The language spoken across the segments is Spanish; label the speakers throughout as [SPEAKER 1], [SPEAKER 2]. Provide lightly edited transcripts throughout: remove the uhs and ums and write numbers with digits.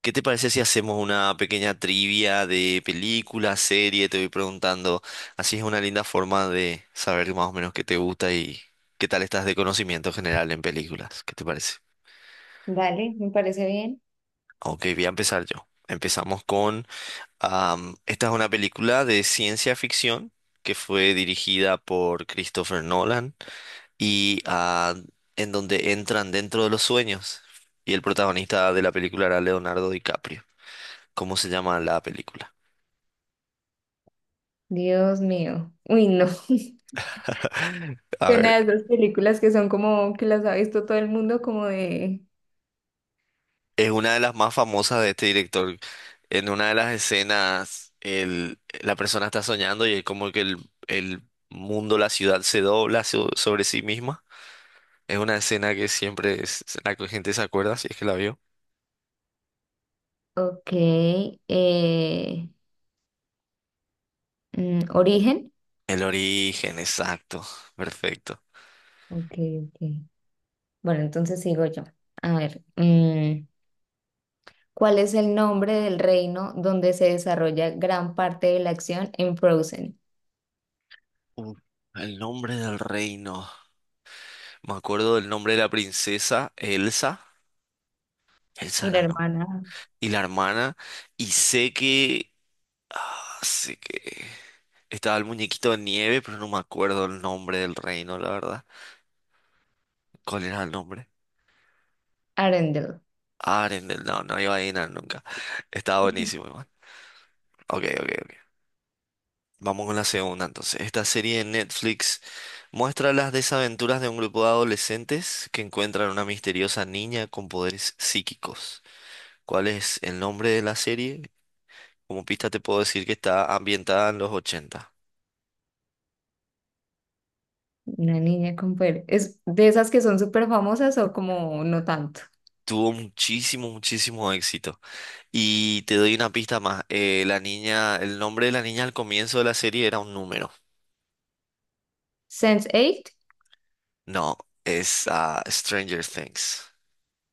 [SPEAKER 1] ¿Qué te parece si hacemos una pequeña trivia de película, serie? Te voy preguntando. Así es una linda forma de saber más o menos qué te gusta y qué tal estás de conocimiento general en películas. ¿Qué te parece?
[SPEAKER 2] Dale, me parece bien.
[SPEAKER 1] Ok, voy a empezar yo. Empezamos con... esta es una película de ciencia ficción que fue dirigida por Christopher Nolan y en donde entran dentro de los sueños. Y el protagonista de la película era Leonardo DiCaprio. ¿Cómo se llama la película?
[SPEAKER 2] Dios mío. Uy, no.
[SPEAKER 1] A
[SPEAKER 2] Una
[SPEAKER 1] ver,
[SPEAKER 2] de esas películas que son como que las ha visto todo el mundo, como de.
[SPEAKER 1] es una de las más famosas de este director. En una de las escenas, la persona está soñando y es como que el mundo, la ciudad se dobla sobre sí misma. Es una escena que siempre es la que gente se acuerda, si es que la vio.
[SPEAKER 2] Ok. eh, Origen.
[SPEAKER 1] El origen, exacto, perfecto.
[SPEAKER 2] Ok, ok. Bueno, entonces sigo yo. A ver. ¿Cuál es el nombre del reino donde se desarrolla gran parte de la acción en Frozen?
[SPEAKER 1] Uh, el nombre del reino. Me acuerdo del nombre de la princesa, Elsa. Elsa
[SPEAKER 2] Y la
[SPEAKER 1] era, no.
[SPEAKER 2] hermana
[SPEAKER 1] Y la hermana. Y sé que así que estaba el muñequito de nieve, pero no me acuerdo el nombre del reino, la verdad. ¿Cuál era el nombre?
[SPEAKER 2] Arendelle.
[SPEAKER 1] Arendelle, no, no iba a adivinar nunca. Estaba buenísimo, igual. Ok, ok, ok. Vamos con la segunda, entonces. Esta serie de Netflix muestra las desaventuras de un grupo de adolescentes que encuentran una misteriosa niña con poderes psíquicos. ¿Cuál es el nombre de la serie? Como pista te puedo decir que está ambientada en los ochenta.
[SPEAKER 2] Una niña con poder. ¿Es de esas que son súper famosas o como no tanto?
[SPEAKER 1] Tuvo muchísimo, muchísimo éxito. Y te doy una pista más. La niña, el nombre de la niña al comienzo de la serie era un número.
[SPEAKER 2] Sense eight
[SPEAKER 1] No, es Stranger Things.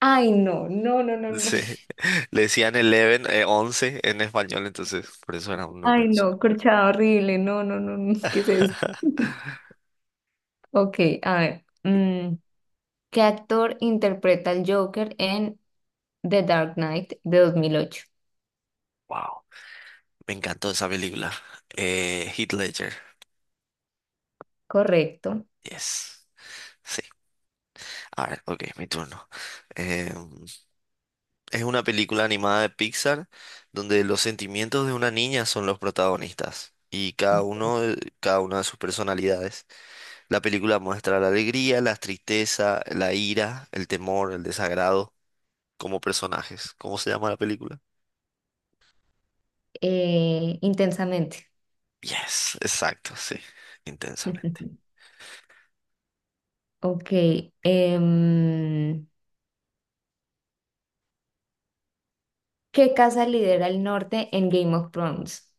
[SPEAKER 2] Ay, no, no, no, no, no.
[SPEAKER 1] Sí. Le decían 11, 11 en español, entonces por eso era un número.
[SPEAKER 2] Ay, no, corchada horrible. No, no, no, no. ¿Qué es esto? Ok, a ver. ¿Qué actor interpreta al Joker en The Dark Knight de 2008?
[SPEAKER 1] Wow. Me encantó esa película. Heath Ledger.
[SPEAKER 2] Correcto.
[SPEAKER 1] Yes. Sí. A ver, ok, mi turno. Em, Es una película animada de Pixar donde los sentimientos de una niña son los protagonistas y
[SPEAKER 2] Ok.
[SPEAKER 1] cada una de sus personalidades. La película muestra la alegría, la tristeza, la ira, el temor, el desagrado como personajes. ¿Cómo se llama la película?
[SPEAKER 2] Intensamente.
[SPEAKER 1] Yes, exacto, sí, intensamente.
[SPEAKER 2] Ok. em, ¿Qué casa lidera el norte en Game of Thrones?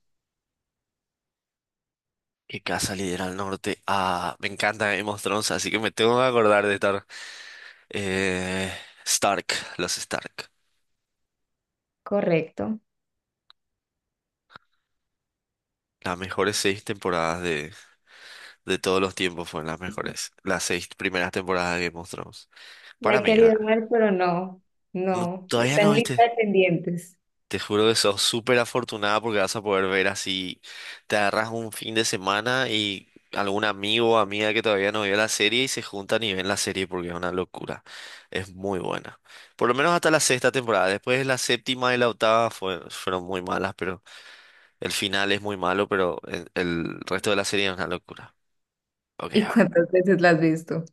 [SPEAKER 1] ¿Qué casa lidera al norte? Ah, me encanta Game of Thrones, así que me tengo que acordar de estar eh, Stark, los Stark.
[SPEAKER 2] Correcto.
[SPEAKER 1] Las mejores seis temporadas de todos los tiempos fueron las mejores. Las seis primeras temporadas de Game of Thrones.
[SPEAKER 2] La
[SPEAKER 1] Para
[SPEAKER 2] he
[SPEAKER 1] mí,
[SPEAKER 2] querido
[SPEAKER 1] ¿verdad?
[SPEAKER 2] ver, pero no,
[SPEAKER 1] No,
[SPEAKER 2] no.
[SPEAKER 1] todavía
[SPEAKER 2] Está
[SPEAKER 1] no
[SPEAKER 2] en lista
[SPEAKER 1] viste.
[SPEAKER 2] de pendientes.
[SPEAKER 1] Te juro que sos súper afortunada porque vas a poder ver así. Te agarras un fin de semana y algún amigo o amiga que todavía no vio la serie y se juntan y ven la serie porque es una locura. Es muy buena. Por lo menos hasta la sexta temporada. Después la séptima y la octava fueron muy malas, pero el final es muy malo, pero el resto de la serie es una locura. Ok, a
[SPEAKER 2] ¿Y
[SPEAKER 1] ver.
[SPEAKER 2] cuántas veces la has visto?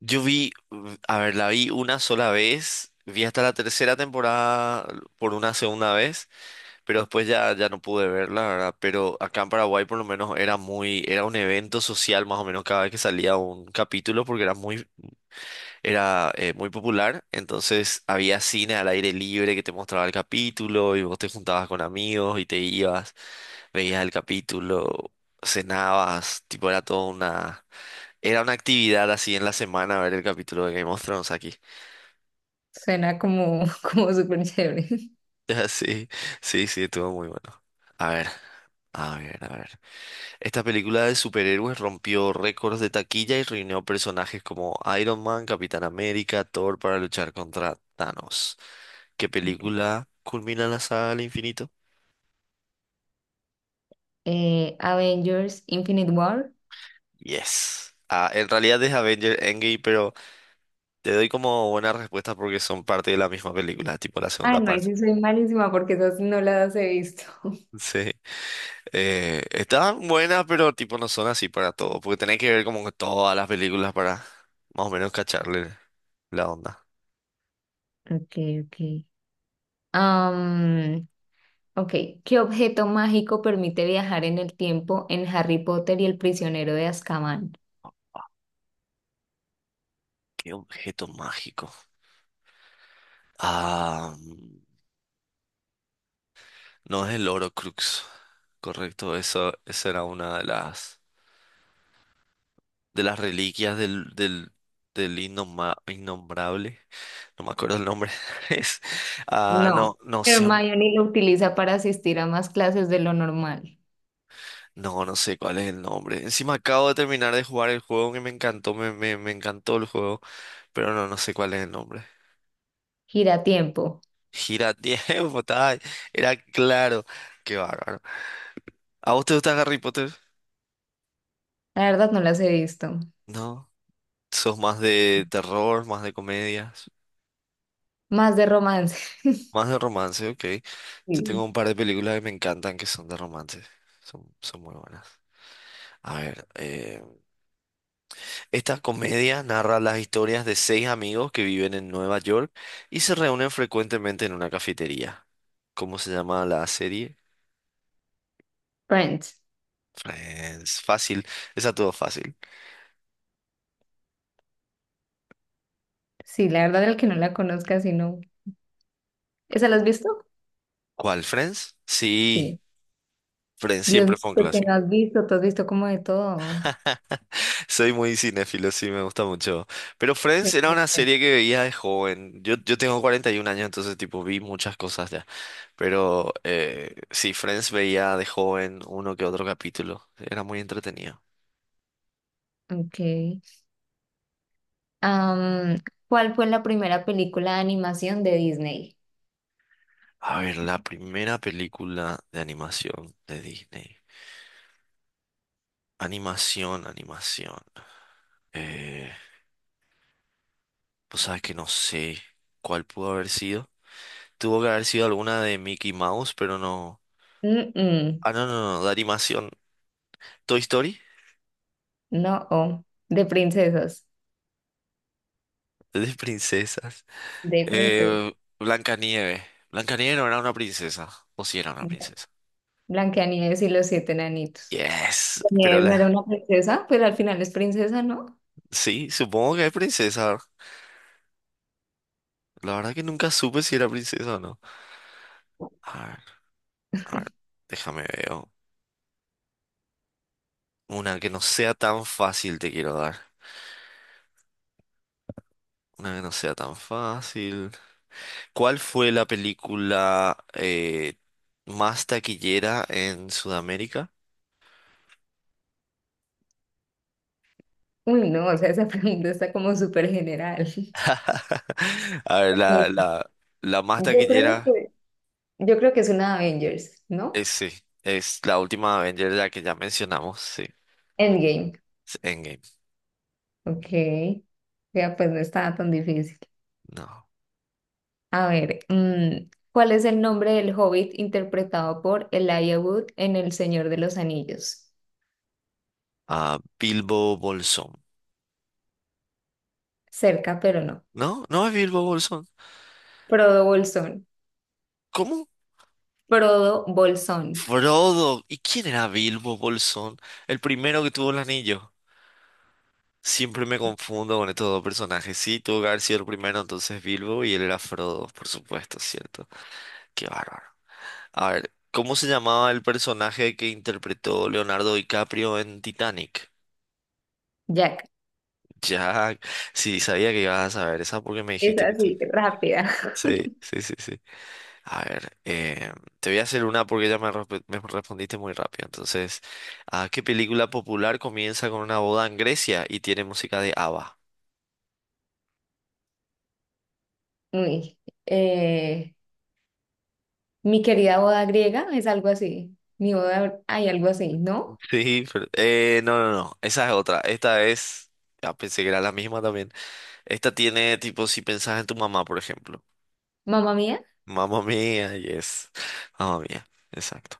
[SPEAKER 1] Yo vi, mm, a ver, la vi una sola vez, vi hasta la tercera temporada por una segunda vez, pero después ya no pude verla, ¿verdad? Pero acá en Paraguay por lo menos era muy, era un evento social más o menos cada vez que salía un capítulo porque era muy popular, entonces había cine al aire libre que te mostraba el capítulo y vos te juntabas con amigos y te ibas, veías el capítulo, cenabas, tipo era toda una... Era una actividad así en la semana ver el capítulo de Game of Thrones aquí.
[SPEAKER 2] Suena como, como súper chévere.
[SPEAKER 1] Sí, sí, sí, estuvo muy bueno. A ver, a ver, a ver. Esta película de superhéroes rompió récords de taquilla y reunió personajes como Iron Man, Capitán América, Thor para luchar contra Thanos. ¿Qué película culmina la saga al infinito?
[SPEAKER 2] Avengers Infinite War.
[SPEAKER 1] Yes. Ah, en realidad es Avengers Endgame, pero te doy como buena respuesta porque son parte de la misma película, tipo la
[SPEAKER 2] Ah,
[SPEAKER 1] segunda
[SPEAKER 2] no, ahí
[SPEAKER 1] parte.
[SPEAKER 2] sí soy malísima porque esas no las he visto.
[SPEAKER 1] Sí. Están buenas, pero tipo no son así para todo, porque tenés que ver como que todas las películas para más o menos cacharle la onda.
[SPEAKER 2] Ok, ok. Am, ok, ¿qué objeto mágico permite viajar en el tiempo en Harry Potter y el prisionero de Azkaban?
[SPEAKER 1] ¿Qué objeto mágico? Ah, mm, no es el Crux correcto, eso, esa era una de las reliquias del innombrable, no me acuerdo el nombre. Es, ah,
[SPEAKER 2] No,
[SPEAKER 1] no, no sé,
[SPEAKER 2] Hermione lo utiliza para asistir a más clases de lo normal.
[SPEAKER 1] no, no sé cuál es el nombre. Encima acabo de terminar de jugar el juego que me encantó, me encantó el juego, pero no, no sé cuál es el nombre.
[SPEAKER 2] Gira tiempo.
[SPEAKER 1] Gira tiempo, tal. Era claro. Qué bárbaro. ¿A vos te gusta Harry Potter?
[SPEAKER 2] La verdad no las he visto.
[SPEAKER 1] No. ¿Sos más de terror, más de comedias,
[SPEAKER 2] Más de romance.
[SPEAKER 1] más de romance? Ok. Yo tengo
[SPEAKER 2] Sí.
[SPEAKER 1] un par de películas que me encantan que son de romance. Son, son muy buenas. A ver, esta comedia narra las historias de seis amigos que viven en Nueva York y se reúnen frecuentemente en una cafetería. ¿Cómo se llama la serie?
[SPEAKER 2] Friends.
[SPEAKER 1] Friends. Fácil. Esa todo fácil.
[SPEAKER 2] Sí, la verdad el que no la conozca, sino ¿esa la has visto?
[SPEAKER 1] ¿Cuál, Friends? Sí,
[SPEAKER 2] Sí.
[SPEAKER 1] Friends
[SPEAKER 2] Dios
[SPEAKER 1] siempre
[SPEAKER 2] mío,
[SPEAKER 1] fue un
[SPEAKER 2] pues que no
[SPEAKER 1] clásico.
[SPEAKER 2] has visto, tú has visto como de todo.
[SPEAKER 1] Soy muy cinéfilo, sí, me gusta mucho. Pero Friends era una
[SPEAKER 2] Exacto.
[SPEAKER 1] serie que veía de joven. Yo tengo 41 años, entonces tipo vi muchas cosas ya. Pero sí, Friends veía de joven uno que otro capítulo. Era muy entretenido.
[SPEAKER 2] Ok. Am, ¿Cuál fue la primera película de animación de Disney?
[SPEAKER 1] A ver, la primera película de animación de Disney. Animación, animación. Eh, pues sabes que no sé cuál pudo haber sido. Tuvo que haber sido alguna de Mickey Mouse, pero no.
[SPEAKER 2] Mm-mm,
[SPEAKER 1] Ah, no, no, no, de animación. Toy Story,
[SPEAKER 2] no, oh, de princesas.
[SPEAKER 1] de princesas.
[SPEAKER 2] De princesas.
[SPEAKER 1] Eh, Blancanieves. Blancanieves no era una princesa. O sí era una princesa.
[SPEAKER 2] Blancanieves y los siete enanitos.
[SPEAKER 1] Yes, pero
[SPEAKER 2] Blancanieves no era
[SPEAKER 1] la.
[SPEAKER 2] una princesa, pero al final es princesa, ¿no?
[SPEAKER 1] Sí, supongo que es princesa. La verdad que nunca supe si era princesa o no. A ver, a ver, déjame ver. Una que no sea tan fácil te quiero dar. Una que no sea tan fácil. ¿Cuál fue la película más taquillera en Sudamérica?
[SPEAKER 2] Uy, no, o sea, esa pregunta está como súper general.
[SPEAKER 1] A ver,
[SPEAKER 2] Eh,
[SPEAKER 1] la más
[SPEAKER 2] yo creo
[SPEAKER 1] taquillera
[SPEAKER 2] que, yo creo que es una Avengers, ¿no?
[SPEAKER 1] es, sí, es la última Avenger, la que ya mencionamos, sí.
[SPEAKER 2] Endgame.
[SPEAKER 1] Es Endgame.
[SPEAKER 2] Ok, ya pues no estaba tan difícil.
[SPEAKER 1] No.
[SPEAKER 2] A ver, ¿cuál es el nombre del hobbit interpretado por Elijah Wood en El Señor de los Anillos?
[SPEAKER 1] Ah, Bilbo Bolsón.
[SPEAKER 2] Cerca, pero no.
[SPEAKER 1] No, no es Bilbo Bolsón.
[SPEAKER 2] Frodo Bolsón.
[SPEAKER 1] ¿Cómo?
[SPEAKER 2] Frodo Bolsón.
[SPEAKER 1] Frodo. ¿Y quién era Bilbo Bolsón? El primero que tuvo el anillo. Siempre me confundo con estos dos personajes. Sí, tuvo que haber sido el primero entonces Bilbo y él era Frodo, por supuesto, ¿cierto? Qué bárbaro. A ver, ¿cómo se llamaba el personaje que interpretó Leonardo DiCaprio en Titanic?
[SPEAKER 2] Jack.
[SPEAKER 1] Jack. Sí, sabía que ibas a saber esa porque me
[SPEAKER 2] Es
[SPEAKER 1] dijiste que te...
[SPEAKER 2] así, rápida.
[SPEAKER 1] Sí, sí, sí, sí. A ver, te voy a hacer una porque ya me respondiste muy rápido. Entonces, ¿a qué película popular comienza con una boda en Grecia y tiene música de ABBA?
[SPEAKER 2] Uy, eh, mi querida boda griega es algo así. Mi boda, hay algo así, ¿no?
[SPEAKER 1] Sí, pero- no, no, no, esa es otra. Esta es, ya pensé que era la misma también. Esta tiene tipo, si pensás en tu mamá, por ejemplo.
[SPEAKER 2] Mamá mía,
[SPEAKER 1] Mamma mía, yes. Mamma mía, exacto.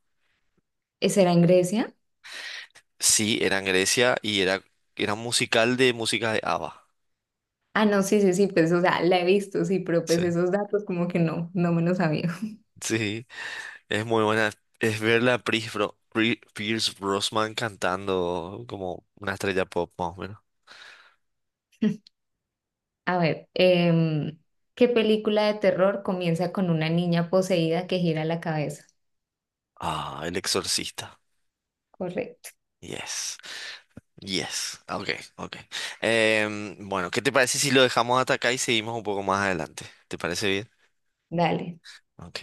[SPEAKER 2] ¿esa era en Grecia?
[SPEAKER 1] Sí, era en Grecia y era, era un musical de música de ABBA.
[SPEAKER 2] Ah, no, sí, sí, sí, pues, o sea, la he visto, sí, pero
[SPEAKER 1] Sí,
[SPEAKER 2] pues esos datos como que no, no me los sabía.
[SPEAKER 1] sí, es muy buena. Es verla a Pierce Brosnan cantando como una estrella pop, más o menos.
[SPEAKER 2] A ver, em, ¿qué película de terror comienza con una niña poseída que gira la cabeza?
[SPEAKER 1] Ah, El Exorcista.
[SPEAKER 2] Correcto,
[SPEAKER 1] Yes. Yes, ok, ok. Em, bueno, ¿qué te parece si lo dejamos hasta acá y seguimos un poco más adelante? ¿Te parece bien?
[SPEAKER 2] dale.
[SPEAKER 1] Ok.